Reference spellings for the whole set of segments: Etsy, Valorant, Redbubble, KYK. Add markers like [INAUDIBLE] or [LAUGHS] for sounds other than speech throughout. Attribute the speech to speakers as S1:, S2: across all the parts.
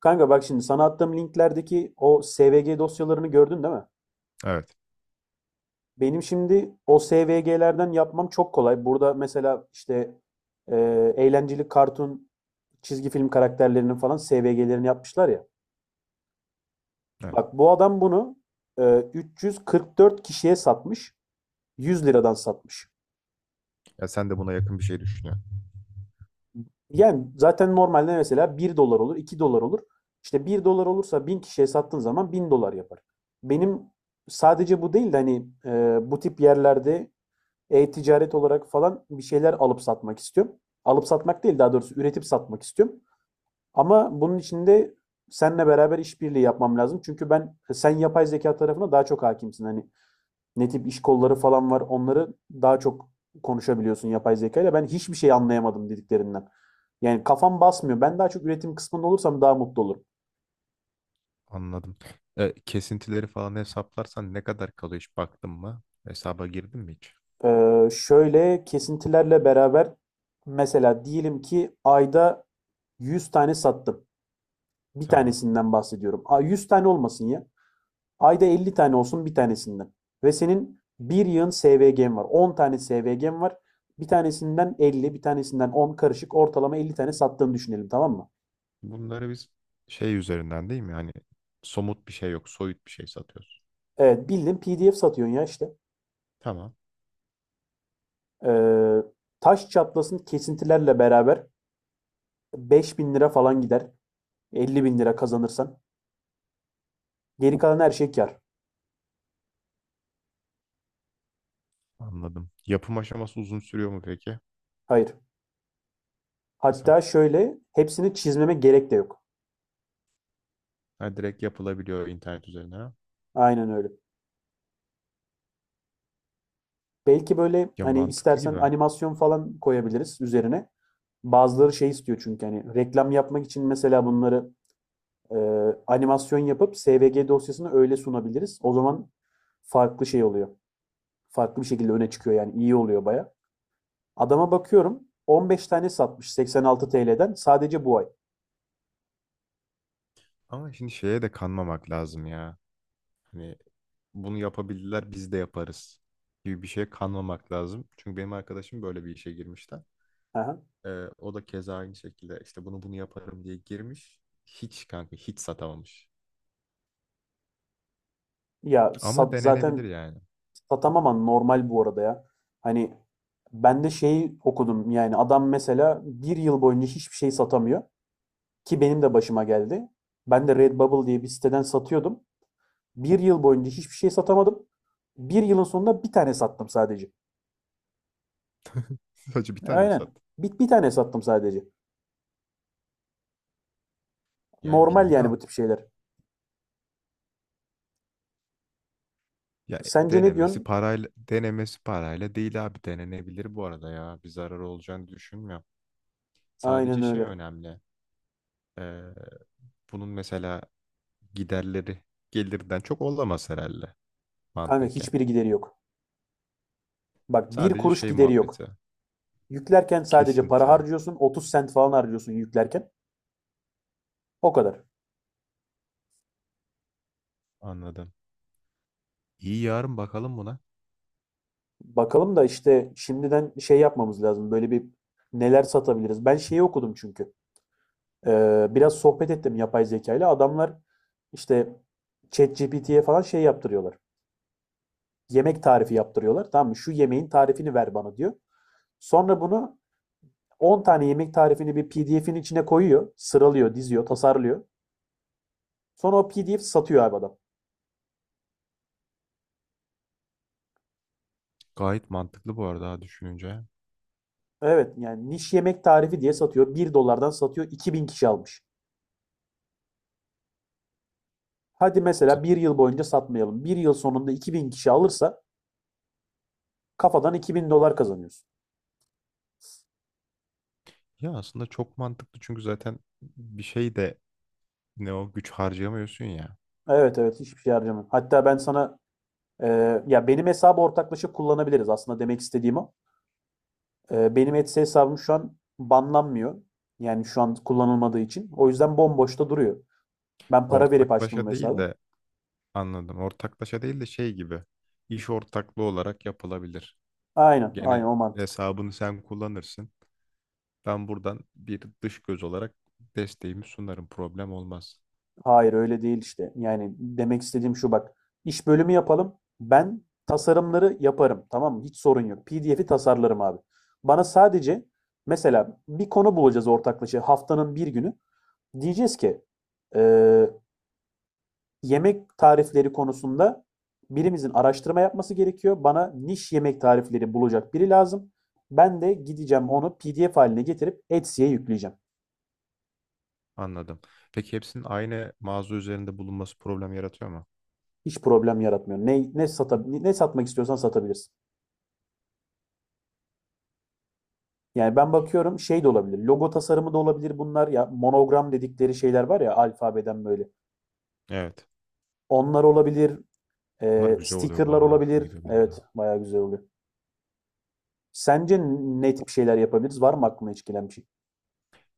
S1: Kanka bak şimdi sana attığım linklerdeki o SVG dosyalarını gördün değil mi?
S2: Evet.
S1: Benim şimdi o SVG'lerden yapmam çok kolay. Burada mesela işte e, eğlenceli kartun, çizgi film karakterlerinin falan SVG'lerini yapmışlar ya.
S2: Evet.
S1: Bak bu adam bunu 344 kişiye satmış. 100 liradan satmış.
S2: Ya sen de buna yakın bir şey düşünüyorsun.
S1: Yani zaten normalde mesela 1 dolar olur, 2 dolar olur. İşte 1 dolar olursa 1000 kişiye sattığın zaman 1000 dolar yapar. Benim sadece bu değil de hani bu tip yerlerde e-ticaret olarak falan bir şeyler alıp satmak istiyorum. Alıp satmak değil daha doğrusu üretip satmak istiyorum. Ama bunun için de seninle beraber işbirliği yapmam lazım. Çünkü ben sen yapay zeka tarafına daha çok hakimsin. Hani ne tip iş kolları falan var onları daha çok konuşabiliyorsun yapay zekayla. Ben hiçbir şey anlayamadım dediklerinden. Yani kafam basmıyor. Ben daha çok üretim kısmında olursam daha mutlu olurum.
S2: Anladım. Kesintileri falan hesaplarsan ne kadar kalıyor hiç baktın mı? Hesaba girdin mi hiç?
S1: Şöyle kesintilerle beraber mesela diyelim ki ayda 100 tane sattım. Bir
S2: Tamam.
S1: tanesinden bahsediyorum. 100 tane olmasın ya. Ayda 50 tane olsun bir tanesinden. Ve senin bir yığın SVG'm var. 10 tane SVG'm var. Bir tanesinden 50, bir tanesinden 10 karışık ortalama 50 tane sattığını düşünelim, tamam mı?
S2: Bunları biz şey üzerinden değil mi? Hani somut bir şey yok, soyut bir şey satıyoruz.
S1: Evet, bildiğin PDF satıyorsun ya işte.
S2: Tamam.
S1: Ee, taş çatlasın kesintilerle beraber 5000 lira falan gider. 50 bin lira kazanırsan. Geri kalan her şey kar.
S2: Anladım. Yapım aşaması uzun sürüyor mu peki?
S1: Hayır.
S2: Kısa.
S1: Hatta şöyle hepsini çizmeme gerek de yok.
S2: Ha, direkt yapılabiliyor internet üzerine, ha?
S1: Aynen öyle. Belki böyle
S2: Ya
S1: hani
S2: mantıklı
S1: istersen
S2: gibi.
S1: animasyon falan koyabiliriz üzerine. Bazıları şey istiyor çünkü hani reklam yapmak için mesela bunları e, animasyon yapıp SVG dosyasını öyle sunabiliriz. O zaman farklı şey oluyor. Farklı bir şekilde öne çıkıyor, yani iyi oluyor baya. Adama bakıyorum 15 tane satmış 86 TL'den sadece bu ay.
S2: Ama şimdi şeye de kanmamak lazım ya. Hani bunu yapabildiler biz de yaparız gibi bir şeye kanmamak lazım. Çünkü benim arkadaşım böyle bir işe girmişti.
S1: Aha.
S2: Ee, o da keza aynı şekilde işte bunu yaparım diye girmiş. Hiç kanka hiç satamamış. Ama denenebilir
S1: Zaten
S2: yani.
S1: satamam ama normal bu arada ya. Hani ben de şeyi okudum, yani adam mesela bir yıl boyunca hiçbir şey satamıyor. Ki benim de başıma geldi. Ben de Redbubble diye bir siteden satıyordum. Bir yıl boyunca hiçbir şey satamadım. Bir yılın sonunda bir tane sattım sadece.
S2: [LAUGHS] Sadece bir tane mi
S1: Aynen.
S2: sattı?
S1: Bir, bir tane sattım sadece.
S2: Yani
S1: Normal yani bu
S2: bilmiyorum.
S1: tip şeyler.
S2: Ya
S1: Sence ne
S2: denemesi
S1: diyorsun?
S2: parayla denemesi parayla değil abi, denenebilir bu arada ya. Bir zarar olacağını düşünmüyorum.
S1: Aynen
S2: Sadece şey
S1: öyle.
S2: önemli. Ee, bunun mesela giderleri gelirden çok olamaz herhalde,
S1: Kanka
S2: mantıken.
S1: hiçbiri gideri yok. Bak bir
S2: Sadece
S1: kuruş
S2: şey
S1: gideri yok.
S2: muhabbeti.
S1: Yüklerken sadece para
S2: Kesinti.
S1: harcıyorsun. 30 sent falan harcıyorsun yüklerken. O kadar.
S2: Anladım. İyi, yarın bakalım buna.
S1: Bakalım da işte şimdiden şey yapmamız lazım. Böyle bir neler satabiliriz. Ben şeyi okudum çünkü. Biraz sohbet ettim yapay zeka ile. Adamlar işte ChatGPT'ye falan şey yaptırıyorlar. Yemek tarifi yaptırıyorlar. Tamam mı? Şu yemeğin tarifini ver bana diyor. Sonra bunu 10 tane yemek tarifini bir PDF'in içine koyuyor. Sıralıyor, diziyor, tasarlıyor. Sonra o PDF satıyor abi adam.
S2: Gayet mantıklı bu arada, ha, düşününce.
S1: Evet, yani niş yemek tarifi diye satıyor. Bir dolardan satıyor. 2000 kişi almış. Hadi mesela bir yıl boyunca satmayalım. Bir yıl sonunda 2000 kişi alırsa kafadan 2000 dolar kazanıyorsun.
S2: Ya aslında çok mantıklı çünkü zaten bir şey de ne o, güç harcayamıyorsun ya.
S1: Evet evet, hiçbir şey harcamam. Hatta ben sana ya, benim hesabı ortaklaşa kullanabiliriz aslında, demek istediğim o. Benim Etsy hesabım şu an banlanmıyor. Yani şu an kullanılmadığı için. O yüzden bomboşta duruyor. Ben para verip açtım bu
S2: Ortaklaşa değil
S1: hesabı.
S2: de, anladım. Ortaklaşa değil de şey gibi. İş ortaklığı olarak yapılabilir.
S1: Aynen, aynen
S2: Gene
S1: o mantık.
S2: hesabını sen kullanırsın. Ben buradan bir dış göz olarak desteğimi sunarım. Problem olmaz.
S1: Hayır öyle değil işte. Yani demek istediğim şu, bak. İş bölümü yapalım. Ben tasarımları yaparım. Tamam mı? Hiç sorun yok. PDF'i tasarlarım abi. Bana sadece mesela bir konu bulacağız ortaklaşa haftanın bir günü. Diyeceğiz ki eee yemek tarifleri konusunda birimizin araştırma yapması gerekiyor. Bana niş yemek tarifleri bulacak biri lazım. Ben de gideceğim onu PDF haline getirip Etsy'ye yükleyeceğim.
S2: Anladım. Peki hepsinin aynı mağaza üzerinde bulunması problem yaratıyor mu?
S1: Hiç problem yaratmıyor. Ne satmak istiyorsan satabilirsin. Yani ben bakıyorum şey de olabilir. Logo tasarımı da olabilir bunlar. Ya monogram dedikleri şeyler var ya, alfabeden böyle.
S2: Evet.
S1: Onlar olabilir.
S2: Bunlar güzel oluyor bu
S1: Stickerlar
S2: arada. Hoşuma
S1: olabilir.
S2: gidiyor benim de.
S1: Evet, bayağı güzel oluyor. Sence ne tip şeyler yapabiliriz? Var mı aklına hiç gelen bir şey?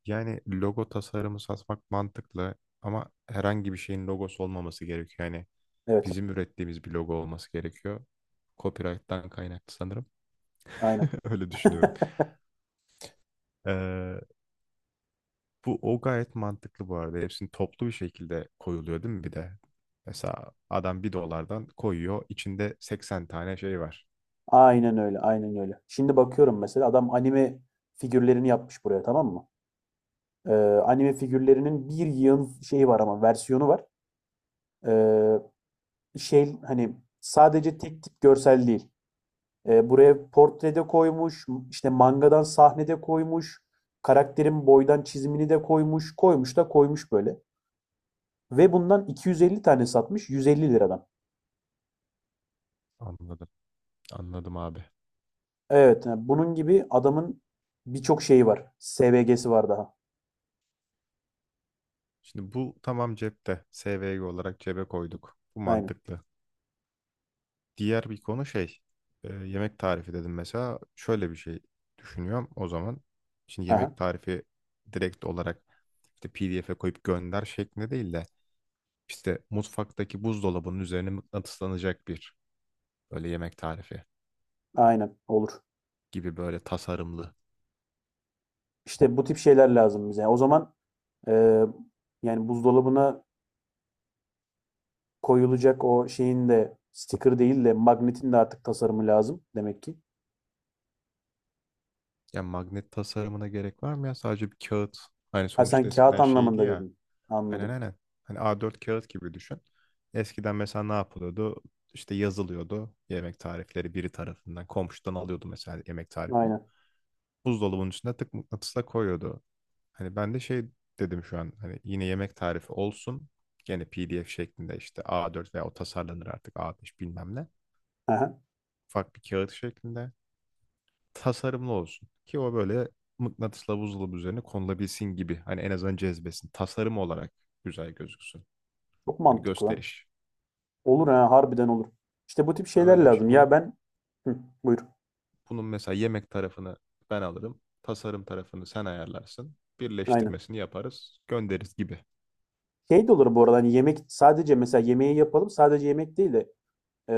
S2: Yani logo tasarımı satmak mantıklı ama herhangi bir şeyin logosu olmaması gerekiyor. Yani
S1: Evet,
S2: bizim ürettiğimiz bir logo olması gerekiyor. Copyright'tan kaynaklı sanırım.
S1: aynen.
S2: [LAUGHS] Öyle düşünüyorum.
S1: [LAUGHS]
S2: Ee, bu o gayet mantıklı bu arada. Hepsini toplu bir şekilde koyuluyor değil mi bir de? Mesela adam bir dolardan koyuyor. İçinde 80 tane şey var.
S1: Aynen öyle, aynen öyle. Şimdi bakıyorum mesela adam anime figürlerini yapmış buraya, tamam mı? Ee, anime figürlerinin bir yığın şeyi var, ama versiyonu var. Ee, şey hani sadece tek tip görsel değil. Buraya portrede koymuş, işte mangadan sahnede koymuş, karakterin boydan çizimini de koymuş, koymuş da koymuş böyle. Ve bundan 250 tane satmış 150 liradan.
S2: Anladım. Anladım abi.
S1: Evet, yani bunun gibi adamın birçok şeyi var. SVG'si var daha.
S2: Şimdi bu tamam, cepte. SVG olarak cebe koyduk. Bu
S1: Aynen.
S2: mantıklı. Diğer bir konu şey, yemek tarifi dedim mesela. Şöyle bir şey düşünüyorum o zaman. Şimdi yemek
S1: Aha.
S2: tarifi direkt olarak işte PDF'e koyup gönder şeklinde değil de işte mutfaktaki buzdolabının üzerine mıknatıslanacak bir, böyle yemek tarifi
S1: Aynen olur.
S2: gibi, böyle tasarımlı.
S1: İşte bu tip şeyler lazım bize. O zaman e, yani buzdolabına koyulacak o şeyin de sticker değil de magnetin de artık tasarımı lazım demek ki.
S2: Ya magnet tasarımına gerek var mı ya? Sadece bir kağıt. Hani
S1: Ha, sen
S2: sonuçta
S1: kağıt
S2: eskiden şeydi
S1: anlamında
S2: ya.
S1: dedin.
S2: Aynen
S1: Anladım.
S2: aynen. Hani A4 kağıt gibi düşün. Eskiden mesela ne yapılıyordu? İşte yazılıyordu yemek tarifleri biri tarafından. Komşudan alıyordu mesela yemek tarifini.
S1: Aynen.
S2: Buzdolabının içine tık, mıknatısla koyuyordu. Hani ben de şey dedim şu an, hani yine yemek tarifi olsun. Gene PDF şeklinde, işte A4 veya o tasarlanır artık A5, bilmem ne.
S1: Aha.
S2: Ufak bir kağıt şeklinde tasarımlı olsun. Ki o böyle mıknatısla buzdolabı üzerine konulabilsin gibi. Hani en azından cezbesin. Tasarım olarak güzel gözüksün.
S1: Çok
S2: Hani
S1: mantıklı lan.
S2: gösteriş.
S1: Olur, ha, harbiden olur. İşte bu tip
S2: Ha,
S1: şeyler
S2: öyle bir şey.
S1: lazım. Ya
S2: Bunu
S1: ben Hı, buyur.
S2: bunun mesela yemek tarafını ben alırım. Tasarım tarafını sen ayarlarsın.
S1: Aynen.
S2: Birleştirmesini yaparız, göndeririz gibi.
S1: Şey de olur bu arada, hani yemek sadece, mesela yemeği yapalım, sadece yemek değil de e,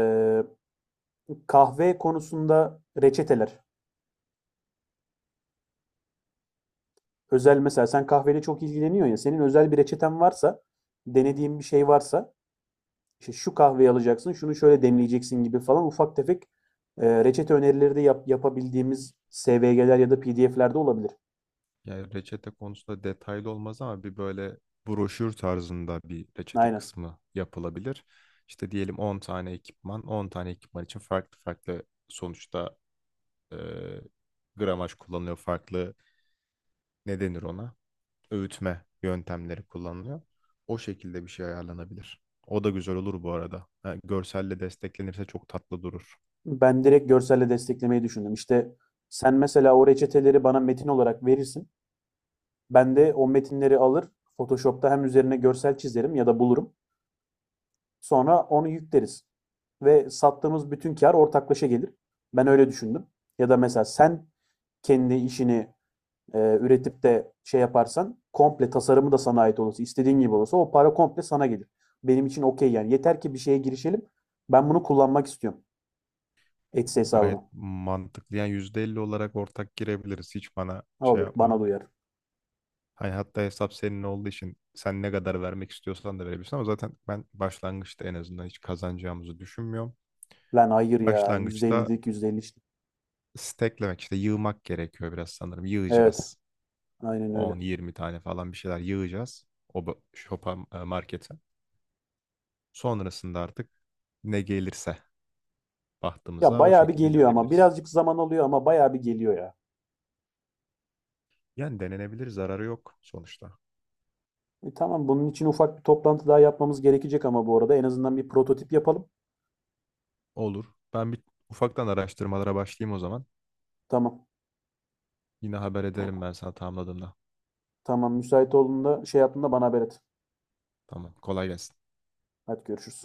S1: kahve konusunda reçeteler. Özel, mesela sen kahveyle çok ilgileniyorsun ya, senin özel bir reçeten varsa, denediğin bir şey varsa, işte şu kahveyi alacaksın şunu şöyle demleyeceksin gibi falan ufak tefek reçete önerileri de yapabildiğimiz SVG'ler ya da PDF'lerde olabilir.
S2: Yani reçete konusunda detaylı olmaz ama bir böyle broşür tarzında bir reçete
S1: Aynen.
S2: kısmı yapılabilir. İşte diyelim 10 tane ekipman, 10 tane ekipman için farklı farklı, sonuçta e, gramaj kullanılıyor, farklı, ne denir ona, öğütme yöntemleri kullanılıyor. O şekilde bir şey ayarlanabilir. O da güzel olur bu arada. Ha, görselle desteklenirse çok tatlı durur.
S1: Ben direkt görselle desteklemeyi düşündüm. İşte sen mesela o reçeteleri bana metin olarak verirsin. Ben de o metinleri alır Photoshop'ta hem üzerine görsel çizerim ya da bulurum. Sonra onu yükleriz. Ve sattığımız bütün kar ortaklaşa gelir. Ben öyle düşündüm. Ya da mesela sen kendi işini üretip de şey yaparsan, komple tasarımı da sana ait olursa, istediğin gibi olursa o para komple sana gelir. Benim için okey yani. Yeter ki bir şeye girişelim. Ben bunu kullanmak istiyorum. Etsy
S2: Gayet
S1: hesabını.
S2: mantıklı. Yani %50 olarak ortak girebiliriz. Hiç bana
S1: Ne
S2: şey
S1: olur bana
S2: yapma.
S1: uyar.
S2: Hani hatta hesap senin olduğu için sen ne kadar vermek istiyorsan da verebilirsin ama zaten ben başlangıçta en azından hiç kazanacağımızı düşünmüyorum.
S1: Lan hayır ya. yüzde
S2: Başlangıçta
S1: ellilik %50 işte.
S2: steklemek, işte yığmak gerekiyor biraz sanırım.
S1: Evet.
S2: Yığacağız.
S1: Aynen öyle.
S2: 10, 20 tane falan bir şeyler yığacağız. Shop'a, markete. Sonrasında artık ne gelirse
S1: Ya
S2: bahtımıza, o
S1: bayağı bir
S2: şekilde
S1: geliyor ama.
S2: ilerleyebiliriz.
S1: Birazcık zaman alıyor ama bayağı bir geliyor ya.
S2: Yani denenebilir, zararı yok sonuçta.
S1: E, tamam bunun için ufak bir toplantı daha yapmamız gerekecek, ama bu arada en azından bir prototip yapalım.
S2: Olur. Ben bir ufaktan araştırmalara başlayayım o zaman.
S1: Tamam.
S2: Yine haber ederim
S1: O-
S2: ben sana tamamladığımda.
S1: Tamam, müsait olduğunda şey yaptığında bana haber et.
S2: Tamam, kolay gelsin.
S1: Hadi görüşürüz.